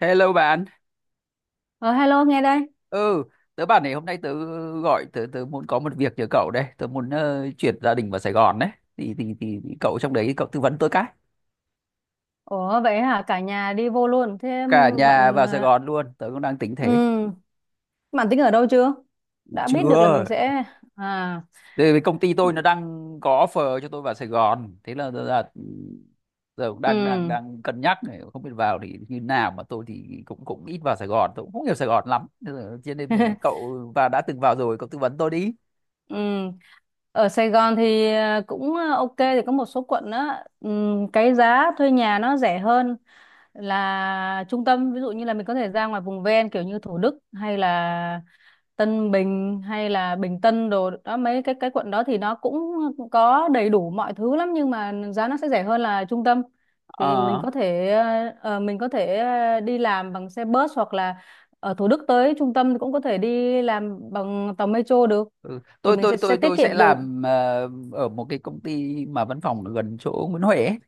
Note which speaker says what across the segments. Speaker 1: Hello bạn.
Speaker 2: Ờ, Hello nghe đây.
Speaker 1: Ừ, tớ bảo này, hôm nay tớ gọi, tớ tớ muốn có một việc nhờ cậu đây. Tớ muốn chuyển gia đình vào Sài Gòn đấy. Thì cậu trong đấy cậu tư vấn tớ cái.
Speaker 2: Ủa vậy hả? Cả nhà đi vô luôn. Thế
Speaker 1: Cả nhà
Speaker 2: bạn
Speaker 1: vào Sài
Speaker 2: ờ,
Speaker 1: Gòn luôn, tớ cũng đang tính thế.
Speaker 2: ừ, bạn tính ở đâu chưa? Đã biết được là
Speaker 1: Chưa.
Speaker 2: mình sẽ à
Speaker 1: Thì công ty tôi nó đang có offer cho tôi vào Sài Gòn. Thế là giờ là Giờ cũng đang đang
Speaker 2: ừ.
Speaker 1: đang cân nhắc này, không biết vào thì như nào, mà tôi thì cũng cũng ít vào Sài Gòn, tôi cũng không hiểu Sài Gòn lắm. Thế là- Cho nên mẹ- Cậu và đã từng vào rồi, cậu tư vấn tôi đi.
Speaker 2: Ừ. Ở Sài Gòn thì ok thì có một số quận đó, ừ, cái giá thuê nhà nó rẻ hơn là trung tâm. Ví dụ như là mình có thể ra ngoài vùng ven kiểu như Thủ Đức hay là Tân Bình hay là Bình Tân đồ đó, mấy cái quận đó thì nó cũng có đầy đủ mọi thứ lắm nhưng mà giá nó sẽ rẻ hơn là trung tâm. Thì mình
Speaker 1: Ờ.
Speaker 2: có thể mình có thể đi làm bằng xe bus hoặc là ở Thủ Đức tới trung tâm thì cũng có thể đi làm bằng tàu metro được.
Speaker 1: Ừ.
Speaker 2: Thì
Speaker 1: Tôi
Speaker 2: mình
Speaker 1: tôi
Speaker 2: sẽ
Speaker 1: tôi
Speaker 2: tiết
Speaker 1: tôi sẽ
Speaker 2: kiệm được.
Speaker 1: làm ở một cái công ty mà văn phòng ở gần chỗ Nguyễn Huệ ấy.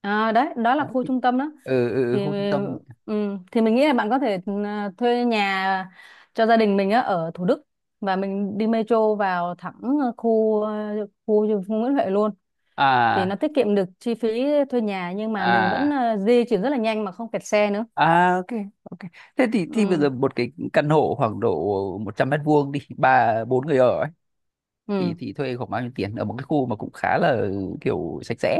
Speaker 2: À, đấy đó là
Speaker 1: Đấy,
Speaker 2: khu
Speaker 1: thì,
Speaker 2: trung tâm đó. Thì
Speaker 1: khu trung tâm.
Speaker 2: ừ, thì mình nghĩ là bạn có thể, ừ, thuê nhà cho gia đình mình á ở Thủ Đức và mình đi metro vào thẳng khu khu Nguyễn Huệ luôn. Thì nó
Speaker 1: À,
Speaker 2: tiết kiệm được chi phí thuê nhà nhưng mà mình vẫn
Speaker 1: à,
Speaker 2: di chuyển rất là nhanh mà không kẹt xe nữa.
Speaker 1: à, ok. Ok, thế thì bây
Speaker 2: Ừ,
Speaker 1: giờ một cái căn hộ khoảng độ 100 mét vuông, đi ba bốn người ở ấy, thì
Speaker 2: ừ,
Speaker 1: thì thuê khoảng bao nhiêu tiền, ở một cái khu mà cũng khá là kiểu sạch sẽ?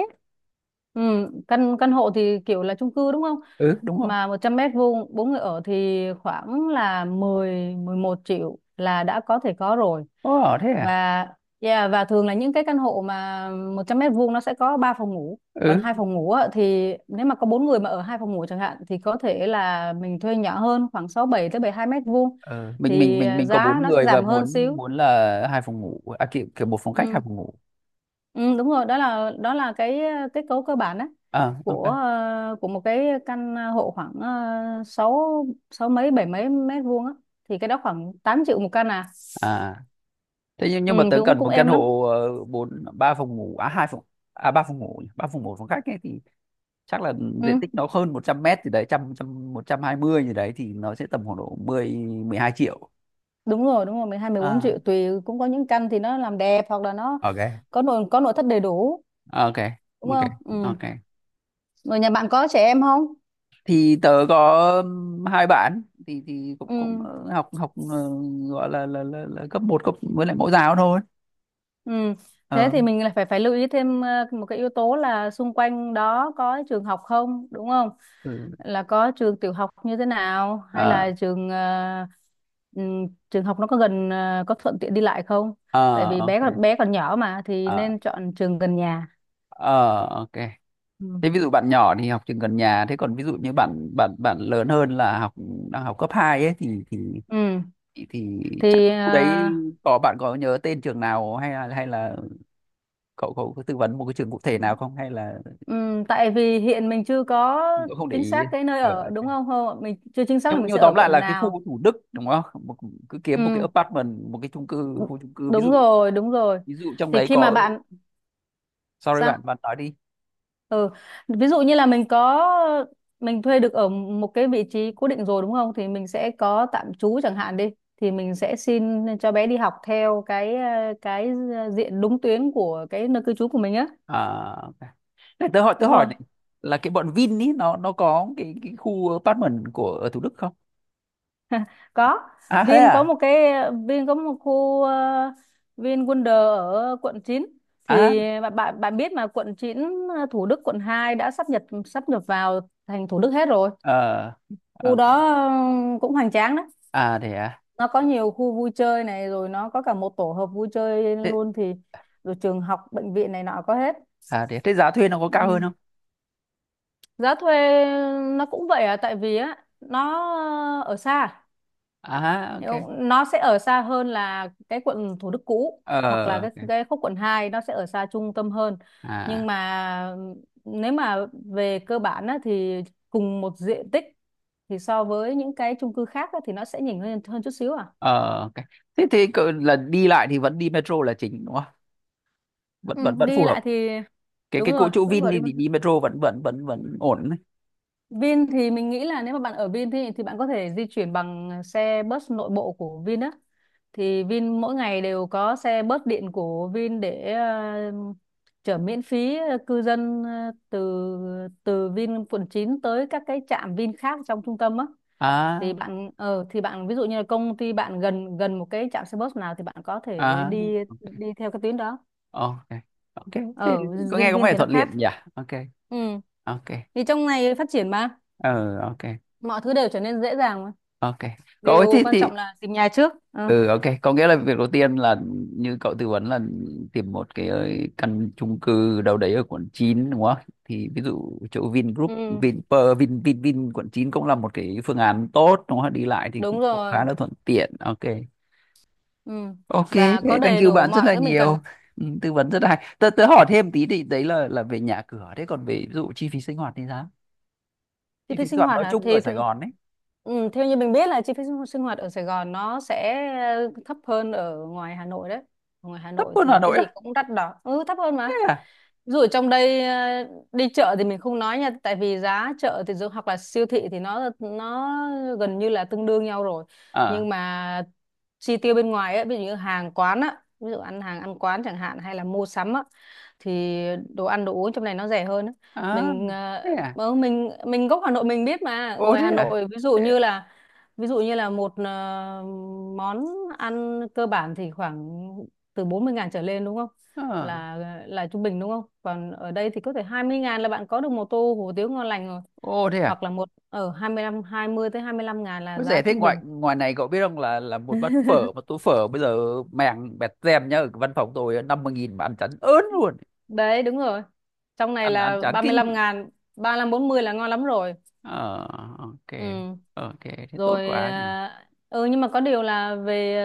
Speaker 2: ừ. căn căn hộ thì kiểu là chung cư đúng không?
Speaker 1: Ừ, đúng không.
Speaker 2: Mà 100 m² bốn người ở thì khoảng là mười mười một triệu là đã có thể có rồi.
Speaker 1: Ồ thế à?
Speaker 2: Và yeah, và thường là những cái căn hộ mà 100 m² nó sẽ có 3 phòng ngủ. Còn
Speaker 1: Ừ.
Speaker 2: hai phòng ngủ á, thì nếu mà có bốn người mà ở hai phòng ngủ chẳng hạn thì có thể là mình thuê nhỏ hơn khoảng 67 tới 72 m².
Speaker 1: ờ, mình mình
Speaker 2: Thì
Speaker 1: mình
Speaker 2: à,
Speaker 1: mình có
Speaker 2: giá
Speaker 1: bốn
Speaker 2: nó sẽ
Speaker 1: người và
Speaker 2: giảm hơn
Speaker 1: muốn
Speaker 2: xíu.
Speaker 1: muốn là hai phòng ngủ à, kiểu, kiểu một phòng khách hai
Speaker 2: Ừ.
Speaker 1: phòng ngủ.
Speaker 2: Ừ, đúng rồi, đó là cái kết cấu cơ bản á
Speaker 1: À ok.
Speaker 2: của của một cái căn hộ khoảng sáu sáu mấy bảy mấy mét vuông á thì cái đó khoảng 8 triệu một căn. À
Speaker 1: À thế
Speaker 2: ừ,
Speaker 1: nhưng mà tớ
Speaker 2: thì cũng
Speaker 1: cần
Speaker 2: cũng
Speaker 1: một căn
Speaker 2: êm lắm.
Speaker 1: hộ ờ, bốn ba phòng ngủ, à hai phòng à ba phòng ngủ nhỉ, ba phòng ngủ phòng khách ấy thì chắc là diện
Speaker 2: Ừ,
Speaker 1: tích nó hơn 100 mét, thì đấy trăm trăm một trăm hai mươi gì đấy, thì nó sẽ tầm khoảng độ mười mười hai triệu.
Speaker 2: đúng rồi đúng rồi, mười hai, mười bốn
Speaker 1: À
Speaker 2: triệu tùy. Cũng có những căn thì nó làm đẹp hoặc là nó
Speaker 1: ok.
Speaker 2: có nội thất đầy đủ
Speaker 1: Ok.
Speaker 2: đúng
Speaker 1: Ok.
Speaker 2: không? Ừ.
Speaker 1: Ok.
Speaker 2: Rồi nhà bạn có trẻ em không?
Speaker 1: Thì tớ có hai bạn, thì cũng cũng
Speaker 2: Ừ.
Speaker 1: học học gọi là là cấp một, cấp với lại mẫu giáo thôi.
Speaker 2: Ừ. Thế
Speaker 1: Ờ.
Speaker 2: thì mình lại phải phải lưu ý thêm một cái yếu tố là xung quanh đó có trường học không, đúng không?
Speaker 1: Ừ.
Speaker 2: Là có trường tiểu học như thế nào hay
Speaker 1: Ờ.
Speaker 2: là trường trường học nó có gần có thuận tiện đi lại không? Tại
Speaker 1: Ờ
Speaker 2: vì
Speaker 1: ok.
Speaker 2: bé còn nhỏ mà thì
Speaker 1: Ờ.
Speaker 2: nên chọn trường gần nhà.
Speaker 1: Ờ ok.
Speaker 2: Ừ.
Speaker 1: Thế ví dụ bạn nhỏ thì học trường gần nhà, thế còn ví dụ như bạn bạn bạn lớn hơn là đang học cấp 2 ấy, thì thì
Speaker 2: Ừ.
Speaker 1: thì, thì chắc
Speaker 2: Thì
Speaker 1: khu đấy có, bạn có nhớ tên trường nào, hay là cậu cậu có tư vấn một cái trường cụ thể nào không, hay là
Speaker 2: tại vì hiện mình chưa có
Speaker 1: cậu không để
Speaker 2: chính
Speaker 1: ý?
Speaker 2: xác cái nơi
Speaker 1: Ờ,
Speaker 2: ở đúng
Speaker 1: ok.
Speaker 2: không? Không, mình chưa chính xác
Speaker 1: nhưng
Speaker 2: là mình
Speaker 1: nhưng
Speaker 2: sẽ
Speaker 1: tóm
Speaker 2: ở
Speaker 1: lại
Speaker 2: quận
Speaker 1: là cái
Speaker 2: nào.
Speaker 1: khu Thủ Đức đúng không? Một, cứ kiếm một cái
Speaker 2: Ừ.
Speaker 1: apartment, một cái chung cư,
Speaker 2: đ-
Speaker 1: khu chung cư, ví
Speaker 2: Đúng
Speaker 1: dụ
Speaker 2: rồi, đúng rồi.
Speaker 1: trong
Speaker 2: Thì
Speaker 1: đấy
Speaker 2: khi mà
Speaker 1: có,
Speaker 2: bạn
Speaker 1: sorry bạn
Speaker 2: sao,
Speaker 1: bạn nói đi.
Speaker 2: ừ, ví dụ như là mình thuê được ở một cái vị trí cố định rồi đúng không thì mình sẽ có tạm trú chẳng hạn đi, thì mình sẽ xin cho bé đi học theo cái cái diện đúng tuyến của cái nơi cư trú của mình á.
Speaker 1: À, ok. Này, tớ
Speaker 2: Đúng
Speaker 1: hỏi
Speaker 2: rồi,
Speaker 1: này, là cái bọn Vin ý, nó có cái khu apartment của ở Thủ Đức không?
Speaker 2: có.
Speaker 1: À thế
Speaker 2: Vin có
Speaker 1: à.
Speaker 2: một cái Vin có một khu Vin Wonder ở quận chín.
Speaker 1: À.
Speaker 2: Thì bạn bạn bạn biết mà, quận chín, Thủ Đức quận 2 đã sắp nhập vào thành Thủ Đức hết rồi.
Speaker 1: Ờ
Speaker 2: Khu
Speaker 1: ok.
Speaker 2: đó cũng hoành tráng đó.
Speaker 1: À thế à.
Speaker 2: Nó có nhiều khu vui chơi này, rồi nó có cả một tổ hợp vui chơi
Speaker 1: thế,
Speaker 2: luôn. Thì rồi trường học bệnh viện này nọ có hết.
Speaker 1: Thế giá thuê nó có cao hơn
Speaker 2: Ừ.
Speaker 1: không?
Speaker 2: Giá thuê nó cũng vậy à, tại vì á nó ở xa
Speaker 1: À
Speaker 2: hiểu
Speaker 1: ok.
Speaker 2: không? Nó sẽ ở xa hơn là cái quận Thủ Đức cũ
Speaker 1: Ờ
Speaker 2: hoặc là cái
Speaker 1: ok.
Speaker 2: cái khúc quận hai, nó sẽ ở xa trung tâm hơn. Nhưng
Speaker 1: À.
Speaker 2: mà nếu mà về cơ bản á, thì cùng một diện tích thì so với những cái chung cư khác á, thì nó sẽ nhỉnh hơn hơn chút xíu à.
Speaker 1: Ờ ok. Thế thế cỡ là đi lại thì vẫn đi metro là chính đúng không, vẫn
Speaker 2: Ừ,
Speaker 1: vẫn vẫn phù
Speaker 2: đi
Speaker 1: hợp.
Speaker 2: lại thì
Speaker 1: Cái
Speaker 2: đúng
Speaker 1: cỗ
Speaker 2: rồi
Speaker 1: chỗ
Speaker 2: vẫn
Speaker 1: Vin
Speaker 2: gọi đi.
Speaker 1: đi, đi metro vẫn vẫn vẫn vẫn ổn đấy.
Speaker 2: Vin thì mình nghĩ là nếu mà bạn ở Vin thì bạn có thể di chuyển bằng xe bus nội bộ của Vin á. Thì Vin mỗi ngày đều có xe bus điện của Vin để chở miễn phí cư dân từ từ Vin quận 9 tới các cái trạm Vin khác trong trung tâm á. Thì
Speaker 1: À.
Speaker 2: bạn ờ thì bạn ví dụ như là công ty bạn gần gần một cái trạm xe bus nào thì bạn có thể
Speaker 1: À
Speaker 2: đi đi theo cái tuyến đó.
Speaker 1: ok. Ok thế,
Speaker 2: Ở
Speaker 1: có nghe
Speaker 2: riêng
Speaker 1: có
Speaker 2: Vin
Speaker 1: vẻ
Speaker 2: thì nó
Speaker 1: thuận tiện
Speaker 2: khác.
Speaker 1: nhỉ. Ok.
Speaker 2: Ừ.
Speaker 1: Ok.
Speaker 2: Thì trong này phát triển mà,
Speaker 1: Ờ ok.
Speaker 2: mọi thứ đều trở nên dễ dàng mà.
Speaker 1: Ok. Cậu ơi
Speaker 2: Điều
Speaker 1: thế
Speaker 2: quan trọng
Speaker 1: thì,
Speaker 2: là tìm nhà trước. Ừ.
Speaker 1: ừ ok, có nghĩa là việc đầu tiên là như cậu tư vấn là tìm một cái căn chung cư đâu đấy ở quận 9 đúng không, thì ví dụ chỗ Vingroup,
Speaker 2: Ừ.
Speaker 1: Vinpearl, Vin Vin Vin quận 9 cũng là một cái phương án tốt đúng không, đi lại thì
Speaker 2: Đúng
Speaker 1: cũng khá
Speaker 2: rồi.
Speaker 1: là thuận tiện. Ok.
Speaker 2: Ừ.
Speaker 1: Ok
Speaker 2: Và có
Speaker 1: thế, thank
Speaker 2: đầy
Speaker 1: you
Speaker 2: đủ
Speaker 1: bạn rất
Speaker 2: mọi
Speaker 1: là
Speaker 2: thứ mình cần.
Speaker 1: nhiều. Ừ, tư vấn rất là hay. Tớ hỏi thêm tí, thì đấy là về nhà cửa, thế còn về ví dụ chi phí sinh hoạt thì sao?
Speaker 2: Chi
Speaker 1: Chi
Speaker 2: phí
Speaker 1: phí sinh
Speaker 2: sinh
Speaker 1: hoạt
Speaker 2: hoạt
Speaker 1: nói
Speaker 2: hả?
Speaker 1: chung ở
Speaker 2: Thì
Speaker 1: Sài Gòn ấy.
Speaker 2: ừ, theo như mình biết là chi phí sinh sinh hoạt ở Sài Gòn nó sẽ thấp hơn ở ngoài Hà Nội đấy. Ở ngoài Hà
Speaker 1: Thấp
Speaker 2: Nội
Speaker 1: hơn Hà
Speaker 2: thì cái
Speaker 1: Nội
Speaker 2: gì
Speaker 1: á?
Speaker 2: cũng đắt đỏ, ừ, thấp hơn
Speaker 1: Thế
Speaker 2: mà.
Speaker 1: à?
Speaker 2: Ví dụ ở trong đây đi chợ thì mình không nói nha, tại vì giá chợ thì hoặc là siêu thị thì nó gần như là tương đương nhau rồi.
Speaker 1: À,
Speaker 2: Nhưng mà chi tiêu bên ngoài ấy, ví dụ như hàng quán á, ví dụ ăn hàng ăn quán chẳng hạn hay là mua sắm á, thì đồ ăn đồ uống trong này nó rẻ hơn á.
Speaker 1: à
Speaker 2: Mình
Speaker 1: thế à.
Speaker 2: mình gốc Hà Nội mình biết mà,
Speaker 1: Ồ
Speaker 2: ngoài
Speaker 1: thế
Speaker 2: Hà
Speaker 1: à.
Speaker 2: Nội ví dụ
Speaker 1: Thế à?
Speaker 2: như là ví dụ như là một ờ, món ăn cơ bản thì khoảng từ 40.000 trở lên đúng không?
Speaker 1: Ờ.
Speaker 2: là là trung bình đúng không? Còn ở đây thì có thể 20.000 là bạn có được một tô hủ tiếu ngon lành rồi.
Speaker 1: Ồ thế à?
Speaker 2: Hoặc là một ở hai mươi lăm, hai mươi tới 25 ngàn là
Speaker 1: Có
Speaker 2: giá
Speaker 1: rẻ thế.
Speaker 2: trung
Speaker 1: Ngoài
Speaker 2: bình.
Speaker 1: ngoài này cậu biết không, là một bát phở, một tô phở bây giờ màng bẹt tem nhá, ở cái văn phòng tôi 50 nghìn mà ăn chán ớn luôn.
Speaker 2: Đấy đúng rồi. Trong này
Speaker 1: Ăn Ăn
Speaker 2: là
Speaker 1: chán
Speaker 2: ba mươi
Speaker 1: kinh.
Speaker 2: lăm ngàn, 35, 40 là ngon lắm rồi.
Speaker 1: Ờ ok.
Speaker 2: Ừ.
Speaker 1: Ờ, ok thế tốt
Speaker 2: Rồi
Speaker 1: quá nhỉ.
Speaker 2: à, ừ, nhưng mà có điều là về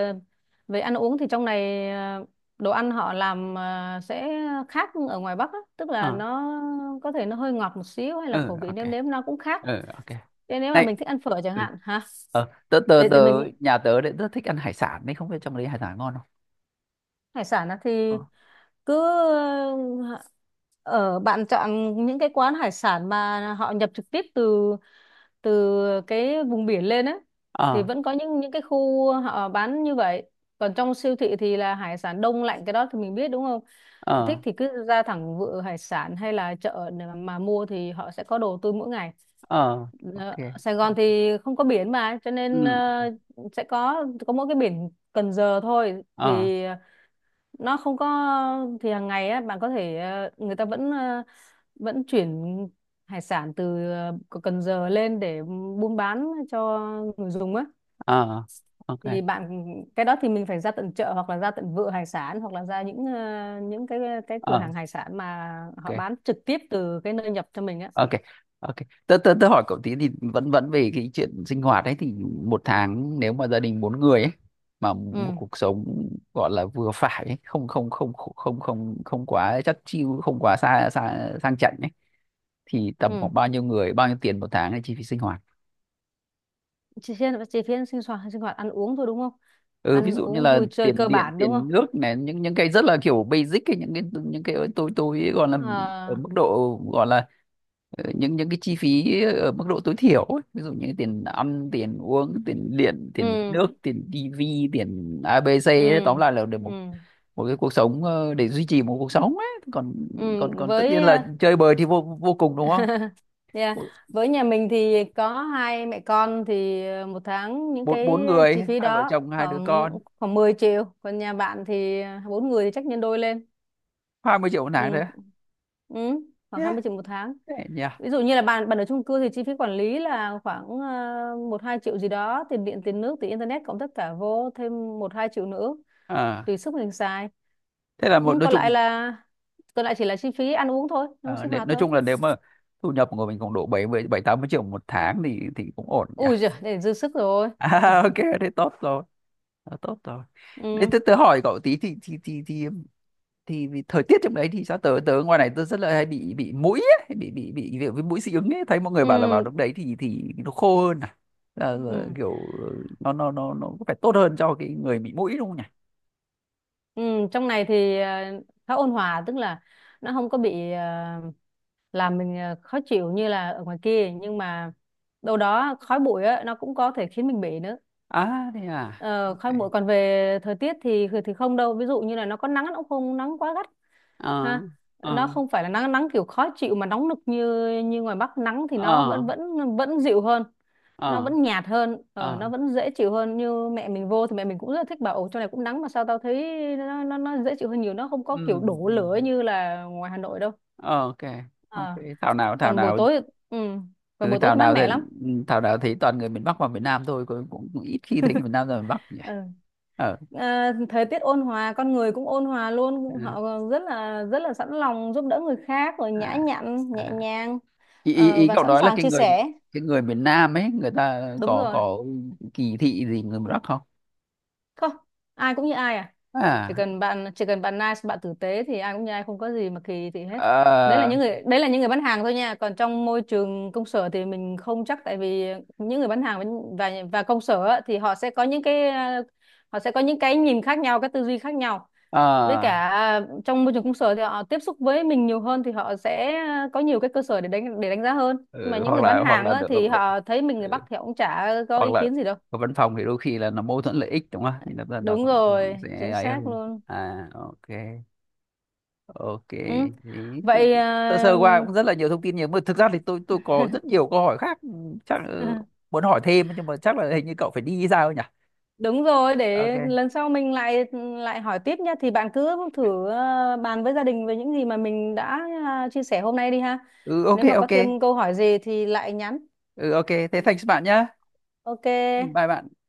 Speaker 2: về ăn uống thì trong này à, đồ ăn họ làm à, sẽ khác ở ngoài Bắc á. Tức là
Speaker 1: Ờ.
Speaker 2: nó có thể nó hơi ngọt một xíu hay là
Speaker 1: Ừ
Speaker 2: khẩu vị
Speaker 1: ok.
Speaker 2: nêm nếm nó cũng khác.
Speaker 1: Ừ ok.
Speaker 2: Thế nếu mà
Speaker 1: Này.
Speaker 2: mình thích ăn phở chẳng
Speaker 1: Ừ.
Speaker 2: hạn hả.
Speaker 1: Ờ tớ tớ
Speaker 2: để,
Speaker 1: tớ,
Speaker 2: để mình.
Speaker 1: nhà tớ đấy rất thích ăn hải sản đấy, không biết trong đấy hải sản ngon không?
Speaker 2: Hải sản á thì
Speaker 1: Ờ.
Speaker 2: cứ ờ, ở bạn chọn những cái quán hải sản mà họ nhập trực tiếp từ từ cái vùng biển lên ấy thì
Speaker 1: Ờ.
Speaker 2: vẫn có những cái khu họ bán như vậy. Còn trong siêu thị thì là hải sản đông lạnh, cái đó thì mình biết đúng không?
Speaker 1: Ờ.
Speaker 2: Thích thì cứ ra thẳng vựa hải sản hay là chợ để mà mua thì họ sẽ có đồ tươi mỗi ngày.
Speaker 1: Ờ, ok.
Speaker 2: Ờ, Sài Gòn thì không có biển mà, cho
Speaker 1: Ừ.
Speaker 2: nên sẽ có mỗi cái biển Cần Giờ thôi.
Speaker 1: Ờ.
Speaker 2: Thì nó không có, thì hàng ngày á bạn có thể người ta vẫn vẫn chuyển hải sản từ Cần Giờ lên để buôn bán cho người dùng á.
Speaker 1: Ờ ok.
Speaker 2: Thì bạn cái đó thì mình phải ra tận chợ hoặc là ra tận vựa hải sản hoặc là ra những những cái cửa
Speaker 1: Ờ
Speaker 2: hàng hải sản mà họ
Speaker 1: ok.
Speaker 2: bán trực tiếp từ cái nơi nhập cho mình á.
Speaker 1: Ok. Ok. tớ tớ Tớ hỏi cậu tí, thì vẫn vẫn về cái chuyện sinh hoạt ấy, thì một tháng nếu mà gia đình bốn người ấy, mà một
Speaker 2: Ừ.
Speaker 1: cuộc sống gọi là vừa phải ấy, không không không không không không quá chắc chiu, không quá xa xa sang chảnh ấy, thì tầm
Speaker 2: Ừ.
Speaker 1: khoảng bao nhiêu tiền một tháng là chi phí sinh hoạt?
Speaker 2: Chỉ phiên sinh hoạt ăn uống thôi đúng không?
Speaker 1: Ừ, ví
Speaker 2: Ăn
Speaker 1: dụ như
Speaker 2: uống
Speaker 1: là
Speaker 2: vui chơi
Speaker 1: tiền
Speaker 2: cơ
Speaker 1: điện,
Speaker 2: bản đúng không?
Speaker 1: tiền nước này, những cái rất là kiểu basic ấy, những cái, tôi gọi là ở
Speaker 2: Ờ,
Speaker 1: mức độ gọi là, Ờ, những cái chi phí ở mức độ tối thiểu ấy. Ví dụ như tiền ăn, tiền uống, tiền điện, tiền
Speaker 2: ừ
Speaker 1: nước, tiền tivi, tiền
Speaker 2: ừ
Speaker 1: ABC ấy. Tóm lại là để một
Speaker 2: ừ.
Speaker 1: một cái cuộc sống để duy trì một cuộc sống ấy, còn
Speaker 2: Ừ,
Speaker 1: còn còn tất
Speaker 2: với
Speaker 1: nhiên là chơi bời thì vô vô cùng đúng không.
Speaker 2: Yeah.
Speaker 1: Bốn
Speaker 2: Với nhà mình thì có hai mẹ con thì một tháng những
Speaker 1: bốn Bốn
Speaker 2: cái chi
Speaker 1: người,
Speaker 2: phí
Speaker 1: hai vợ
Speaker 2: đó
Speaker 1: chồng hai đứa
Speaker 2: khoảng
Speaker 1: con.
Speaker 2: khoảng 10 triệu. Còn nhà bạn thì bốn người thì chắc nhân đôi lên.
Speaker 1: Hai mươi triệu một
Speaker 2: Ừ.
Speaker 1: tháng đấy.
Speaker 2: Ừ. Khoảng
Speaker 1: Yeah.
Speaker 2: 20 triệu một tháng.
Speaker 1: Thế nhỉ.
Speaker 2: Ví dụ như là bạn bạn ở chung cư thì chi phí quản lý là khoảng 1 2 triệu gì đó, tiền điện, tiền nước, tiền internet cộng tất cả vô, thêm một 2 triệu nữa
Speaker 1: À,
Speaker 2: tùy sức mình xài.
Speaker 1: thế là một,
Speaker 2: Ừ.
Speaker 1: nói chung,
Speaker 2: Còn lại chỉ là chi phí ăn uống thôi, ăn uống
Speaker 1: ờ,
Speaker 2: sinh hoạt
Speaker 1: nói
Speaker 2: thôi.
Speaker 1: chung là nếu mà thu nhập của mình khoảng độ bảy bảy tám mươi triệu một tháng thì cũng ổn nhỉ.
Speaker 2: Ui giời, để dư sức rồi.
Speaker 1: À, ok. Thế tốt rồi. Đó, tốt rồi. Đấy,
Speaker 2: Ừ.
Speaker 1: tớ hỏi cậu tí, thì vì thời tiết trong đấy thì sao? Tớ tớ ngoài này tớ rất là hay bị mũi ấy, hay bị kiểu với mũi dị ứng ấy, thấy mọi người bảo là vào
Speaker 2: Ừ.
Speaker 1: lúc đấy thì nó khô hơn à. Là
Speaker 2: Ừ.
Speaker 1: kiểu nó có phải tốt hơn cho cái người bị mũi đúng không nhỉ?
Speaker 2: Ừ. Trong này thì khá ôn hòa, tức là nó không có bị làm mình khó chịu như là ở ngoài kia, nhưng mà đâu đó khói bụi á nó cũng có thể khiến mình bị nữa.
Speaker 1: À thế à.
Speaker 2: Ờ, khói
Speaker 1: Ok.
Speaker 2: bụi, còn về thời tiết thì không đâu, ví dụ như là nó có nắng nó cũng không nắng quá gắt
Speaker 1: Ờ.
Speaker 2: ha. Nó
Speaker 1: Ờ.
Speaker 2: không phải là nắng nắng kiểu khó chịu mà nóng nực như như ngoài Bắc, nắng thì nó
Speaker 1: Ờ.
Speaker 2: vẫn vẫn vẫn dịu hơn. Nó
Speaker 1: Ờ.
Speaker 2: vẫn nhạt hơn, nó
Speaker 1: Ờ.
Speaker 2: vẫn dễ chịu hơn. Như mẹ mình vô thì mẹ mình cũng rất là thích, bảo ồ chỗ này cũng nắng mà sao tao thấy nó dễ chịu hơn nhiều, nó không
Speaker 1: Ừ,
Speaker 2: có kiểu đổ
Speaker 1: ừ.
Speaker 2: lửa như là ngoài Hà Nội đâu.
Speaker 1: Ờ, ok. Ok,
Speaker 2: Ờ,
Speaker 1: thảo
Speaker 2: còn buổi
Speaker 1: nào.
Speaker 2: tối ừ, còn
Speaker 1: Ừ,
Speaker 2: buổi tối thì mát mẻ lắm.
Speaker 1: thảo nào thấy toàn người miền Bắc và miền Nam thôi, cũng ít khi thấy người miền Nam ra miền Bắc nhỉ.
Speaker 2: Ừ.
Speaker 1: Ờ.
Speaker 2: Ờ, thời tiết ôn hòa con người cũng ôn hòa luôn,
Speaker 1: Ừ.
Speaker 2: họ rất là sẵn lòng giúp đỡ người khác, rồi nhã
Speaker 1: À,
Speaker 2: nhặn nhẹ
Speaker 1: à.
Speaker 2: nhàng,
Speaker 1: Ý
Speaker 2: và
Speaker 1: cậu
Speaker 2: sẵn
Speaker 1: nói là
Speaker 2: sàng chia sẻ
Speaker 1: cái người miền Nam ấy, người ta
Speaker 2: đúng
Speaker 1: có
Speaker 2: rồi.
Speaker 1: kỳ thị gì người miền Bắc không?
Speaker 2: Không, ai cũng như ai à. Chỉ
Speaker 1: À.
Speaker 2: cần bạn chỉ cần bạn nice bạn tử tế thì ai cũng như ai, không có gì mà kỳ thị hết. Đấy là
Speaker 1: Ờ.
Speaker 2: những người, đấy là những người bán hàng thôi nha. Còn trong môi trường công sở thì mình không chắc, tại vì những người bán hàng và và công sở á, thì họ sẽ có những cái họ sẽ có những cái nhìn khác nhau, cái tư duy khác nhau.
Speaker 1: Ờ.
Speaker 2: Với cả trong môi trường công sở thì họ tiếp xúc với mình nhiều hơn thì họ sẽ có nhiều cái cơ sở để đánh giá hơn. Mà
Speaker 1: Ừ,
Speaker 2: những người bán
Speaker 1: hoặc
Speaker 2: hàng
Speaker 1: là
Speaker 2: á,
Speaker 1: được
Speaker 2: thì họ thấy mình người
Speaker 1: ừ,
Speaker 2: Bắc thì họ cũng chả có
Speaker 1: hoặc
Speaker 2: ý
Speaker 1: là
Speaker 2: kiến gì đâu.
Speaker 1: ở văn phòng thì đôi khi là nó mâu thuẫn lợi ích đúng không, thì
Speaker 2: Đúng
Speaker 1: nó
Speaker 2: rồi,
Speaker 1: sẽ
Speaker 2: chính
Speaker 1: ấy
Speaker 2: xác
Speaker 1: hơn.
Speaker 2: luôn.
Speaker 1: À ok. Ok.
Speaker 2: Ừ.
Speaker 1: Đấy thì
Speaker 2: Vậy
Speaker 1: sơ sơ
Speaker 2: à,
Speaker 1: qua cũng rất là nhiều thông tin nhiều, mà thực ra thì tôi có rất nhiều câu hỏi khác, ừ, chắc, ừ, muốn hỏi thêm, nhưng mà chắc là hình như cậu phải đi sao nhỉ?
Speaker 2: đúng rồi, để
Speaker 1: Ok.
Speaker 2: lần sau mình lại lại hỏi tiếp nhá. Thì bạn cứ thử à, bàn với gia đình về những gì mà mình đã à, chia sẻ hôm nay đi ha.
Speaker 1: Ừ ok
Speaker 2: Nếu mà có
Speaker 1: ok.
Speaker 2: thêm câu hỏi gì thì lại nhắn.
Speaker 1: Ừ ok, thế thanks bạn nhá. Ừ,
Speaker 2: Ok.
Speaker 1: bye bạn.